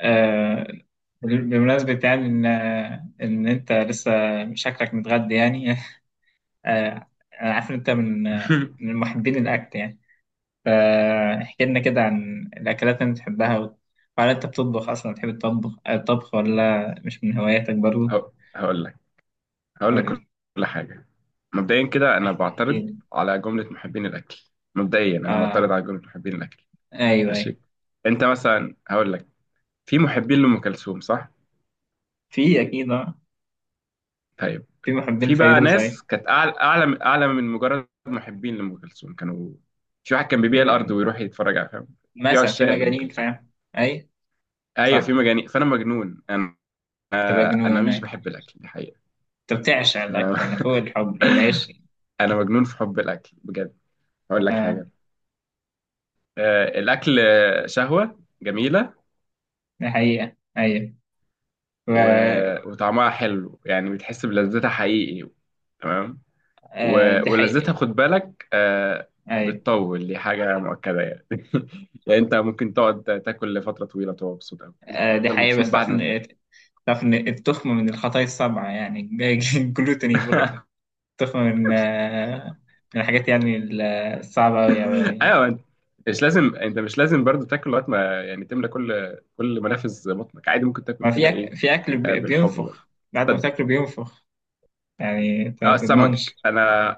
آه، بمناسبة يعني إن أنت لسه شكلك متغدى يعني. آه، أنا عارف إن أنت من محبين الأكل يعني. فاحكي لنا كده عن الأكلات اللي أنت بتحبها وهل أنت بتطبخ أصلا؟ بتحب الطبخ ولا مش من هواياتك برضه هق- هقول لك هقول لك ولا؟ كل حاجة. مبدئيا كده أنا احكي بعترض لي. على جملة محبين الأكل. مبدئيا أنا معترض آه، على جملة محبين الأكل. أيوه أيوه، ماشي. أنت مثلا هقول لك، في محبين لأم كلثوم صح؟ في أكيد. طيب، في محبين في بقى الفيروز، أيوه. ناس كانت أعلى أعلى أعلى من مجرد محبين لأم كلثوم، كانوا، في واحد كان في بيبيع الأرض م- ويروح يتفرج على، فاهم؟ في مثلا في عشاق لأم مجانين، كلثوم. فاهم. أي، أيوة، في صح، مجانين، فأنا مجنون أنا. تبقى أنا جنون مش أيوة. بحب الأكل، دي حقيقة. أنت بتعشق أنا الأكل يعني، فوق الحب والعيش. أنا مجنون في حب الأكل بجد. هقول لك حاجة. الأكل، شهوة جميلة. دي حقيقة أيوة. و... و- وطعمها حلو، يعني بتحس بلذتها حقيقي. تمام. آه دي و- ولذتها حقيقة خد بالك، أيوة. بتطول، دي حاجة مؤكدة يعني. يعني أنت ممكن تقعد تاكل لفترة طويلة وتبقى مبسوط أوي، ممكن آه دي تفضل حقيقة. مبسوط بس بعد تعرف ما تاكل. إن تعرف إن التخمة من الخطايا السبعة يعني. الجلوتين بيقول لك، التخمة من الحاجات يعني الصعبة أوي أوي أوي يعني. أيوه. أنت مش لازم برضو تاكل لغاية ما، يعني تملى كل منافذ بطنك، عادي ممكن تاكل ما في كده أك... إيه. في أكل بالحب برضه، بينفخ، بعد ما تصدق. تاكله بينفخ. يعني أنت ما اه، تضمنش. السمك، انا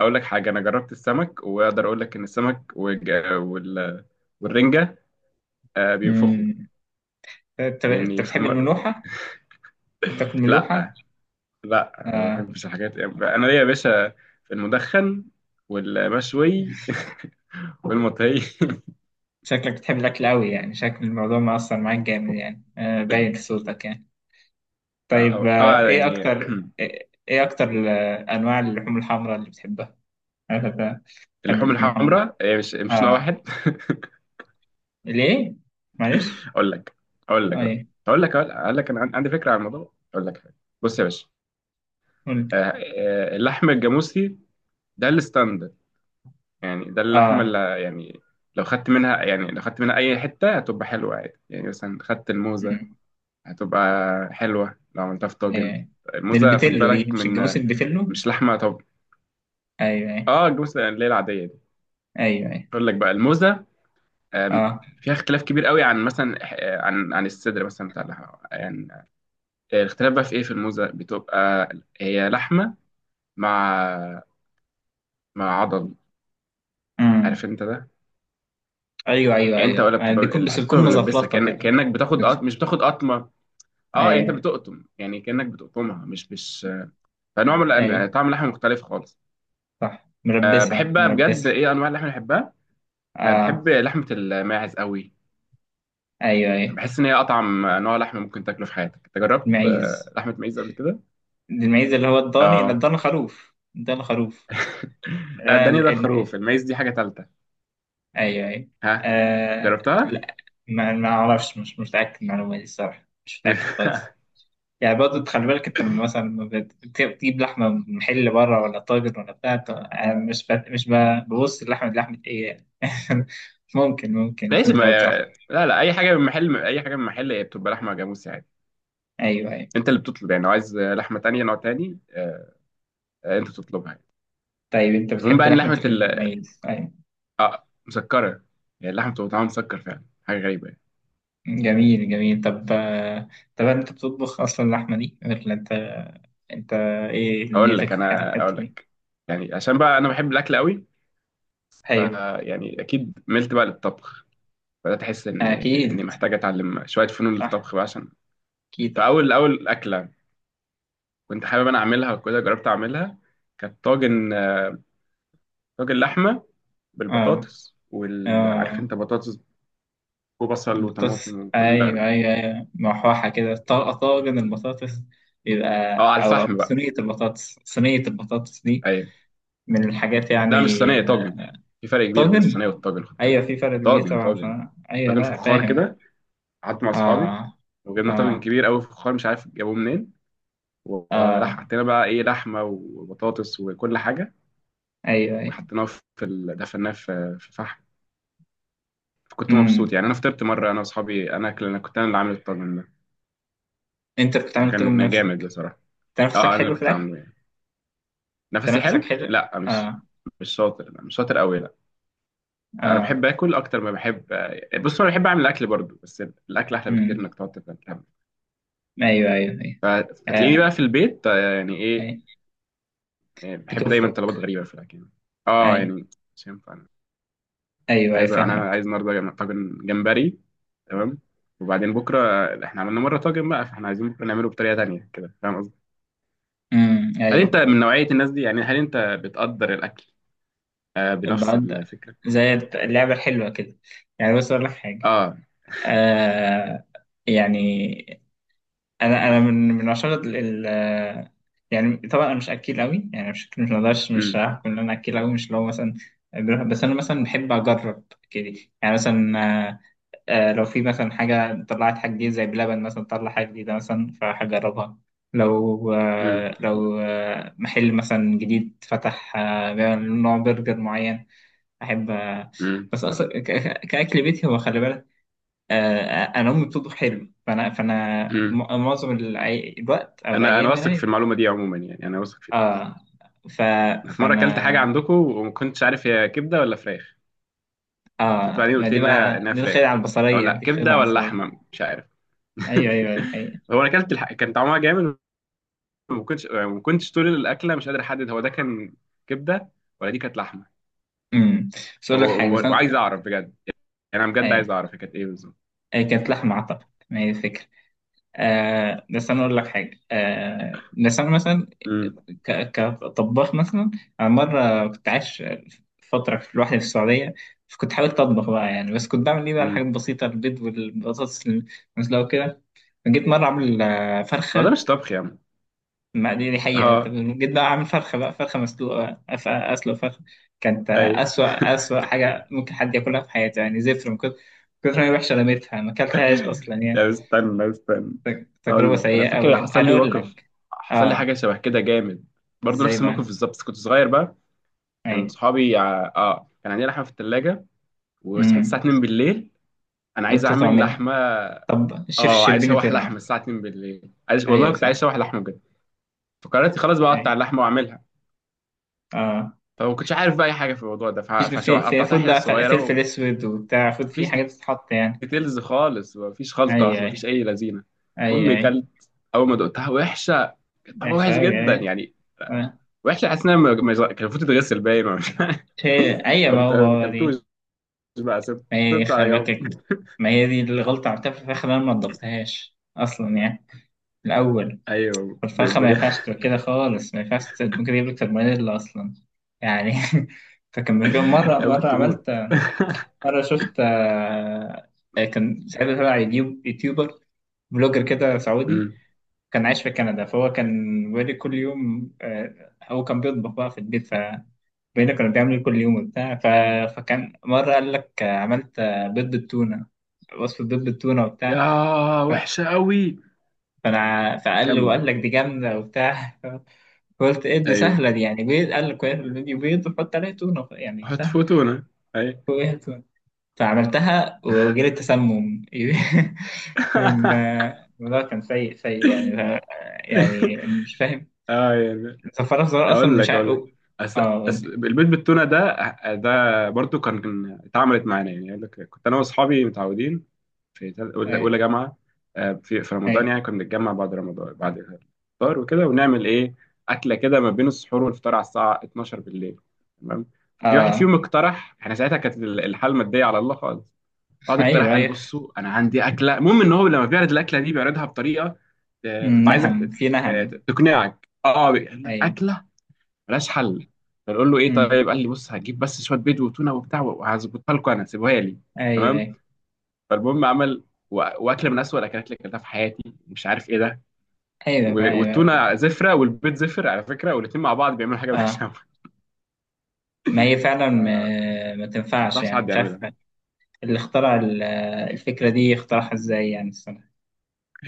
اقول لك حاجه، انا جربت السمك واقدر اقول لك ان السمك والج... وال... والرنجه آه بينفخوا. أمم. أنت لاني في بتحب مره، الملوحة؟ تاكل ملوحة؟ لا لا، ما آه. بحبش الحاجات، انا ليا يا باشا في المدخن والمشوي والمطهي. شكلك بتحب الأكل أوي يعني، شكل الموضوع مأثر معاك جامد يعني، آه باين في صوتك يعني. طيب، اه، ايه يعني اكتر ايه إيه اكتر انواع اللحوم الحمراء اللي بتحبها؟ انا بحب، بحب اللحوم اللحوم الحمراء. الحمراء هي مش نوع اه، واحد. ليه؟ معلش. اقول لك اقول لك اه، اقول لك ايه؟ اقول لك اقول لك انا عن- عندي فكره عن الموضوع. اقول لك حاجه، بص يا باشا. قلت. آه، اللحم الجاموسي، ده الستاندرد، يعني ده اللحمة اه. اللي، يعني لو خدت منها، يعني لو خدت منها أي حتة هتبقى حلوة عادي. يعني مثلا خدت الموزة، أمم. هتبقى حلوة لو عملتها في طاجن. ايه؟ الموزة خد البتلو دي بالك مش من، الجاموس، البتلو. مش لحمة طب. ايوه ايوه. اه الجوزة اللي هي العادية دي. ايوه ايوه. أقول لك بقى الموزة، آم، اه. فيها اختلاف كبير قوي عن مثلا، عن الصدر مثلا بتاع اللحمة يعني. الاختلاف بقى في ايه، في الموزة بتبقى هي لحمة، مع، مع عضل، امم. عارف انت ده. ايوه ايوه يعني انت، ايوه، ولا يعني بتبقى بيكون، بس الحته بتكون بتبقى ملبسه، مزفلطه كأن... كده. كانك بتاخد قط...، بت- مش بتاخد قطمه. اه يعني انت ايوه. بتقطم، يعني كانك بتقطمها مش. فنوع من ايوه، الأن-، طعم اللحمه مختلف خالص. صح، أه بحب بقى بجد، مربسه. ايه انواع اللحمه اللي بحبها. أه اه. بحب لحمه الماعز قوي. ايوه ايوه. بحس ان هي اطعم نوع لحمه ممكن تاكله في حياتك. انت جربت المعيز، لحمه ماعز قبل كده؟ المعيز اللي هو الضاني، لا اه. الضان خروف، الضان خروف. لا آه، الدنيا ده الم... خروف، الماعز دي حاجه ثالثه. ايوه ايوه. ها، آه... جربتها؟ لا. ما اعرفش، مش متاكد من المعلومه دي الصراحه، مش متاكد خالص. يعني برضه خلي بالك انت، لما مثلا، لما بتجيب لحمه من محل بره، ولا طاجن ولا بتاع، أنا مش ببص اللحمه دي لحمه ايه يعني. ممكن، ممكن ماشي، يكون ما، جربت لحمه. لا لا، اي حاجه من محل، اي حاجه من محل هي بتبقى لحمه جاموسي عادي. ايوه ايوه. انت اللي بتطلب يعني، لو عايز لحمه تانية نوع تاني، انت تطلبها يعني. طيب انت المهم بتحب بقى ان لحمه لحمه، الميز، ايوه. اه، مسكره، يعني اللحمه بتبقى طعمها مسكر فعلا، حاجه غريبه يعني. جميل جميل. طب طب هل انت بتطبخ اصلا اللحمه دي ولا انت؟ انت، ايه اقول نيتك لك في انا الحته اقول دي؟ لك يعني عشان بقى انا بحب الاكل قوي. ف، ايوه، يعني اكيد ملت بقى للطبخ، بدات احس ان اني اكيد، محتاج اتعلم شويه فنون صح، للطبخ بقى عشان. كده. فاول اكله كنت حابب انا اعملها وكده، جربت اعملها. كانت طاجن، طاجن لحمه اه بالبطاطس وال، عارف اه. انت بطاطس وبصل البطاطس وطماطم وكل. ايوه ايوه ايوه، محوحة كده، طاجن البطاطس يبقى. اه على او، أو الفحم بقى. صينية البطاطس، صينية البطاطس دي أيوة. من الحاجات يعني. لا مش صينيه، طاجن. في فرق كبير بين طاجن. الصينيه والطاجن خد ايوه في بالك، فرق كبير طاجن، طبعا. طاجن ايوه، طاجن لا فخار فاهم. كده. قعدت مع اصحابي اه وجبنا طاجن اه كبير قوي فخار، مش عارف جابوه منين. وراح اه. حطينا بقى ايه، لحمه وبطاطس وكل حاجه، ايوه ايوه. وحطيناه في ال...، دفناه في فحم. كنت امم. مبسوط يعني، انا فطرت مره انا واصحابي، انا اكل، انا كنت انا اللي عامل الطاجن ده، انت بتتعمل طاجن فكان جامد بنفسك؟ بصراحه. اه تنفسك انا اللي حلو في كنت الاكل. عامله يعني. نفسي تنفسك حلو، حلو. لا مش، اه مش شاطر، لا مش شاطر قوي لا. انا اه. بحب اكل اكتر ما بحب، بص انا بحب اعمل الاكل برضو، بس الاكل احلى بكتير امم، انك تقعد تتعب. ايوه ايوه ايوه. ف-، آه. فتلاقيني بقى في البيت يعني ايه. أيوة. بحب دايما بتفرق. طلبات غريبه في الاكل. اه ايوه يعني، مش ينفع، انا ايوه ايوه، عايز، انا فاهمك. عايز النهارده جم-، طاجن جمبري. تمام. وبعدين بكره، احنا عملنا مره طاجن بقى، فاحنا عايزين بكره نعمله بطريقه تانية كده، فاهم قصدي؟ هل ايوه. انت من نوعيه الناس دي، يعني هل انت بتقدر الاكل بنفس بعد، الفكره؟ زي اللعبه الحلوه كده. يعني بص اقول لك حاجه. اه، آه. يعني انا، انا من، من عشرة يعني طبعا انا مش اكيل قوي يعني، مش مقدرش، مش امم هحكم ان انا اكيل قوي، مش لو مثلا. بس انا مثلا بحب اجرب كده. يعني مثلا، آه لو في مثلا حاجة طلعت، حاجة جديدة زي بلبن مثلا طلع حاجة جديدة مثلا، فهجربها. لو امم آه، لو آه محل مثلا جديد فتح، آه بيعمل نوع برجر معين، أحب آه. امم بس أصلا كأكل بيتي، هو خلي بالك آه، أنا أمي بتطبخ حلو، فأنا امم معظم الوقت أو انا الأيام واثق في يعني. المعلومه دي عموما، يعني انا واثق. آه ف في مره اكلت فأنا حاجه عندكم وما كنتش عارف هي كبده ولا فراخ. كنت آه بعدين ما قلت لي دي انها بقى، انها دي الخدعة فراخ، او البصرية، لا، دي كبده خدعة ولا بصرية. لحمه مش عارف. أيوه أيوه دي حقيقة. هو انا اكلت الح...، كان طعمها جامد، وما كنتش، ما كنتش طول الاكله مش قادر احدد هو ده كان كبده، ولا دي كانت لحمه. امم، بس أقول لك هو حاجة، بس هو-، وعايز أنا، اعرف بجد، يعني انا بجد عايز أيوه، اعرف هي كانت ايه بالظبط. كانت لحمة أعتقد، ما هي الفكرة. آه بس أنا أقول لك حاجة، آه بس أنا مثلا امم كطباخ مثلا، أنا مرة كنت عايش فترة لوحدي في السعودية. فكنت حاولت أطبخ بقى يعني، بس كنت بعمل إيه بقى، امم الحاجات البسيطة، البيض والبطاطس المسلوقة وكده. جيت مرة أعمل ما ده فرخة. مش طبخ يا عم. ما دي دي حقيقة. اه جيت بقى أعمل فرخة بقى، فرخة مسلوقة، أسلق فرخة. كانت اي. أسوأ حاجة ممكن حد ياكلها في حياته يعني، زفر من كتر ما هي وحشة، رميتها، ما أكلتهاش أصلا يعني. لا استنى استنى، تجربة اقول لك، انا سيئة فاكر أوي، حصل أنا لي أقول موقف، لك. حصل لي آه، حاجه شبه كده جامد برضه، إزاي نفس بقى؟ الموقف بالظبط، بس كنت صغير بقى. كان أي. صحابي ع-، اه كان عندي لحمه في الثلاجه، وصحيت أمم. الساعه 2 بالليل. انا عايز قلت اعمل تعملها. لحمه. طب الشيف اه عايز الشربيني اشوح لحمه طلع. الساعه 2 بالليل، عايز، والله أيوه كنت عايز صح. اشوح لحمه بجد. فقررت خلاص بقى اقطع أي اللحمه واعملها. آه. فما كنتش عارف بقى اي حاجه في الموضوع ده، فيش في في فقطعتها فود حتت بقى ف- فلفل صغيره. أسود وبتاع، فود فيه ومفيش حاجات بتتحط يعني. ديتيلز خالص، مفيش خلطة، أيوه أيوه. مفيش أي لذينة. أيوه المهم أيوه، كلت، أول ما دقتها وحشة، كانت طعمها وحش وحشة أوي جدا أيوه. يعني. آه. وحشة، حاسس إنها م- م-، كان المفروض تتغسل باين، ولا مش عارف. أيوه، ما قمت هو، ما هو أكلتوش دي. بقى، سبت، ما هي دي، سبته على خلي بالك. جنب. ما هي دي الغلطة عملتها في الفراخ، اللي أنا ما نضفتهاش أصلا يعني الأول. أيوه ب- الفرخة ما ب-. ينفعش تبقى كده خالص، ما ينفعش ممكن تجيب لك سالمونيلا أصلا يعني. فكان كان مرة أيوه مرة كنت موت. عملت، مرة شفت كان ساعتها تبع يوتيوب، يوتيوبر بلوجر كده سعودي، أمم. كان عايش في كندا. فهو كان بيقول لي كل يوم، هو كان بيطبخ بقى في البيت، ف بيقول لي كنا بنعمل كل يوم وبتاع. فكان مرة قال لك عملت بيض بالتونة، وصفة بيض بالتونة وبتاع. يا، ف- وحشة أوي، فأنا فقال لي، كمل. وقال لك دي جامدة وبتاع. قلت ايه دي أيوه سهلة دي يعني، بيض، قال لك في الفيديو بيض وحط عليه تونة يعني حط سهل. فوتونة أيوه. وإيه، تونة. فعملتها وجالي تسمم. كان الموضوع كان سيء يعني. يعني مش فاهم، يعني، صفارة صغيرة أصلا اقول مش لك عارف اقول لك أس...، اه أس...، قولي. البيت بالتونه ده، ده برضو كان، كان اتعملت معانا يعني. اقول لك، كنت انا واصحابي متعودين في تل-، اولى ايوه أولى جامعه، في رمضان ايوه. يعني، كنا بنتجمع بعد رمضان بعد الفطار وكده ونعمل ايه، اكله كده ما بين السحور والفطار على الساعه 12 بالليل. تمام. ففي واحد اه. فيهم اقترح، احنا ساعتها كانت ال-، الحال الماديه على الله خالص. واحد اقترح ايوه قال ايوه. بصوا انا عندي اكله، المهم ان هو لما بيعرض الاكله دي بيعرضها بطريقه أمم، تبقى عايزك نهم ت-، في نهم. تقنعك، اه قال لك ايوه. اكله ملهاش حل. فنقول له ايه، أمم، طيب قال لي بص هتجيب بس شويه بيض وتونه وبتاع، وهظبطها لكم انا، سيبوها لي. ايوه تمام. ايوه فالمهم عمل و- واكله من اسوأ الاكلات اللي اكلتها في حياتي، مش عارف ايه ده، ايوه و- ايوه. والتونه زفره، والبيض زفر على فكره، والاثنين مع بعض بيعملوا حاجه ملهاش. اه، ما ما هي فعلا، ما تنفعش انصحش يعني، حد مش عارف. يعملها. اللي اخترع الفكرة دي اخترعها ازاي يعني؟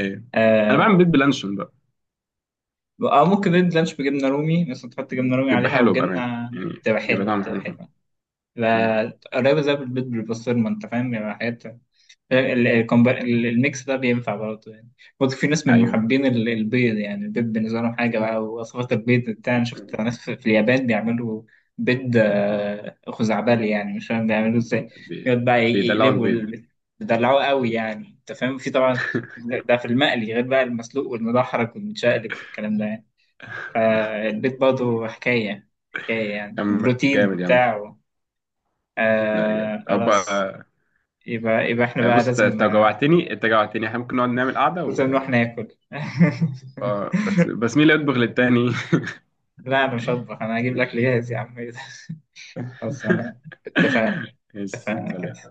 ايه، انا آه. بعمل بيض بلانشون بقى، ممكن ريد لانش بجبنه رومي مثلا، تحط جبنه رومي بيبقى عليها او حلو بامانه، جبنه. يعني بيبقى طعمه بتبقى حلو فعلا. حلوه. مم. لا قريبه زي البيض بالبسطرمه، انت فاهم يعني. حاجات الميكس ده بينفع برضه يعني. برضه في ناس من ايوه، محبين البيض، يعني البيض بالنسبة لهم حاجة بقى، ووصفات البيض بتاع. أنا شفت ناس في اليابان بيعملوا بيض خزعبلي يعني، مش فاهم بيعملوه ازاي. بي-، يقعد بقى بيدلعوا البيض. بيدلعوه قوي يعني، أنت فاهم، في طبعا ده في المقلي غير بقى المسلوق والمدحرج والمتشقلب والكلام ده يعني. فالبيض برضه حكاية حكاية يعني، أم- بروتين جامد يا عم. وبتاع. لا جامد. آه طب خلاص. يبقى احنا بقى بص انت، لازم أنت جوعتني، احنا ممكن نقعد نعمل قعده بس و...، نروح ناكل. اه بس مين اللي يطبخ للتاني. لا انا مش هطبخ، انا هجيب الاكل جاهز يا عم. إيه ده؟ خلاص انا، اتفقنا، يا اتفقنا سلام كده.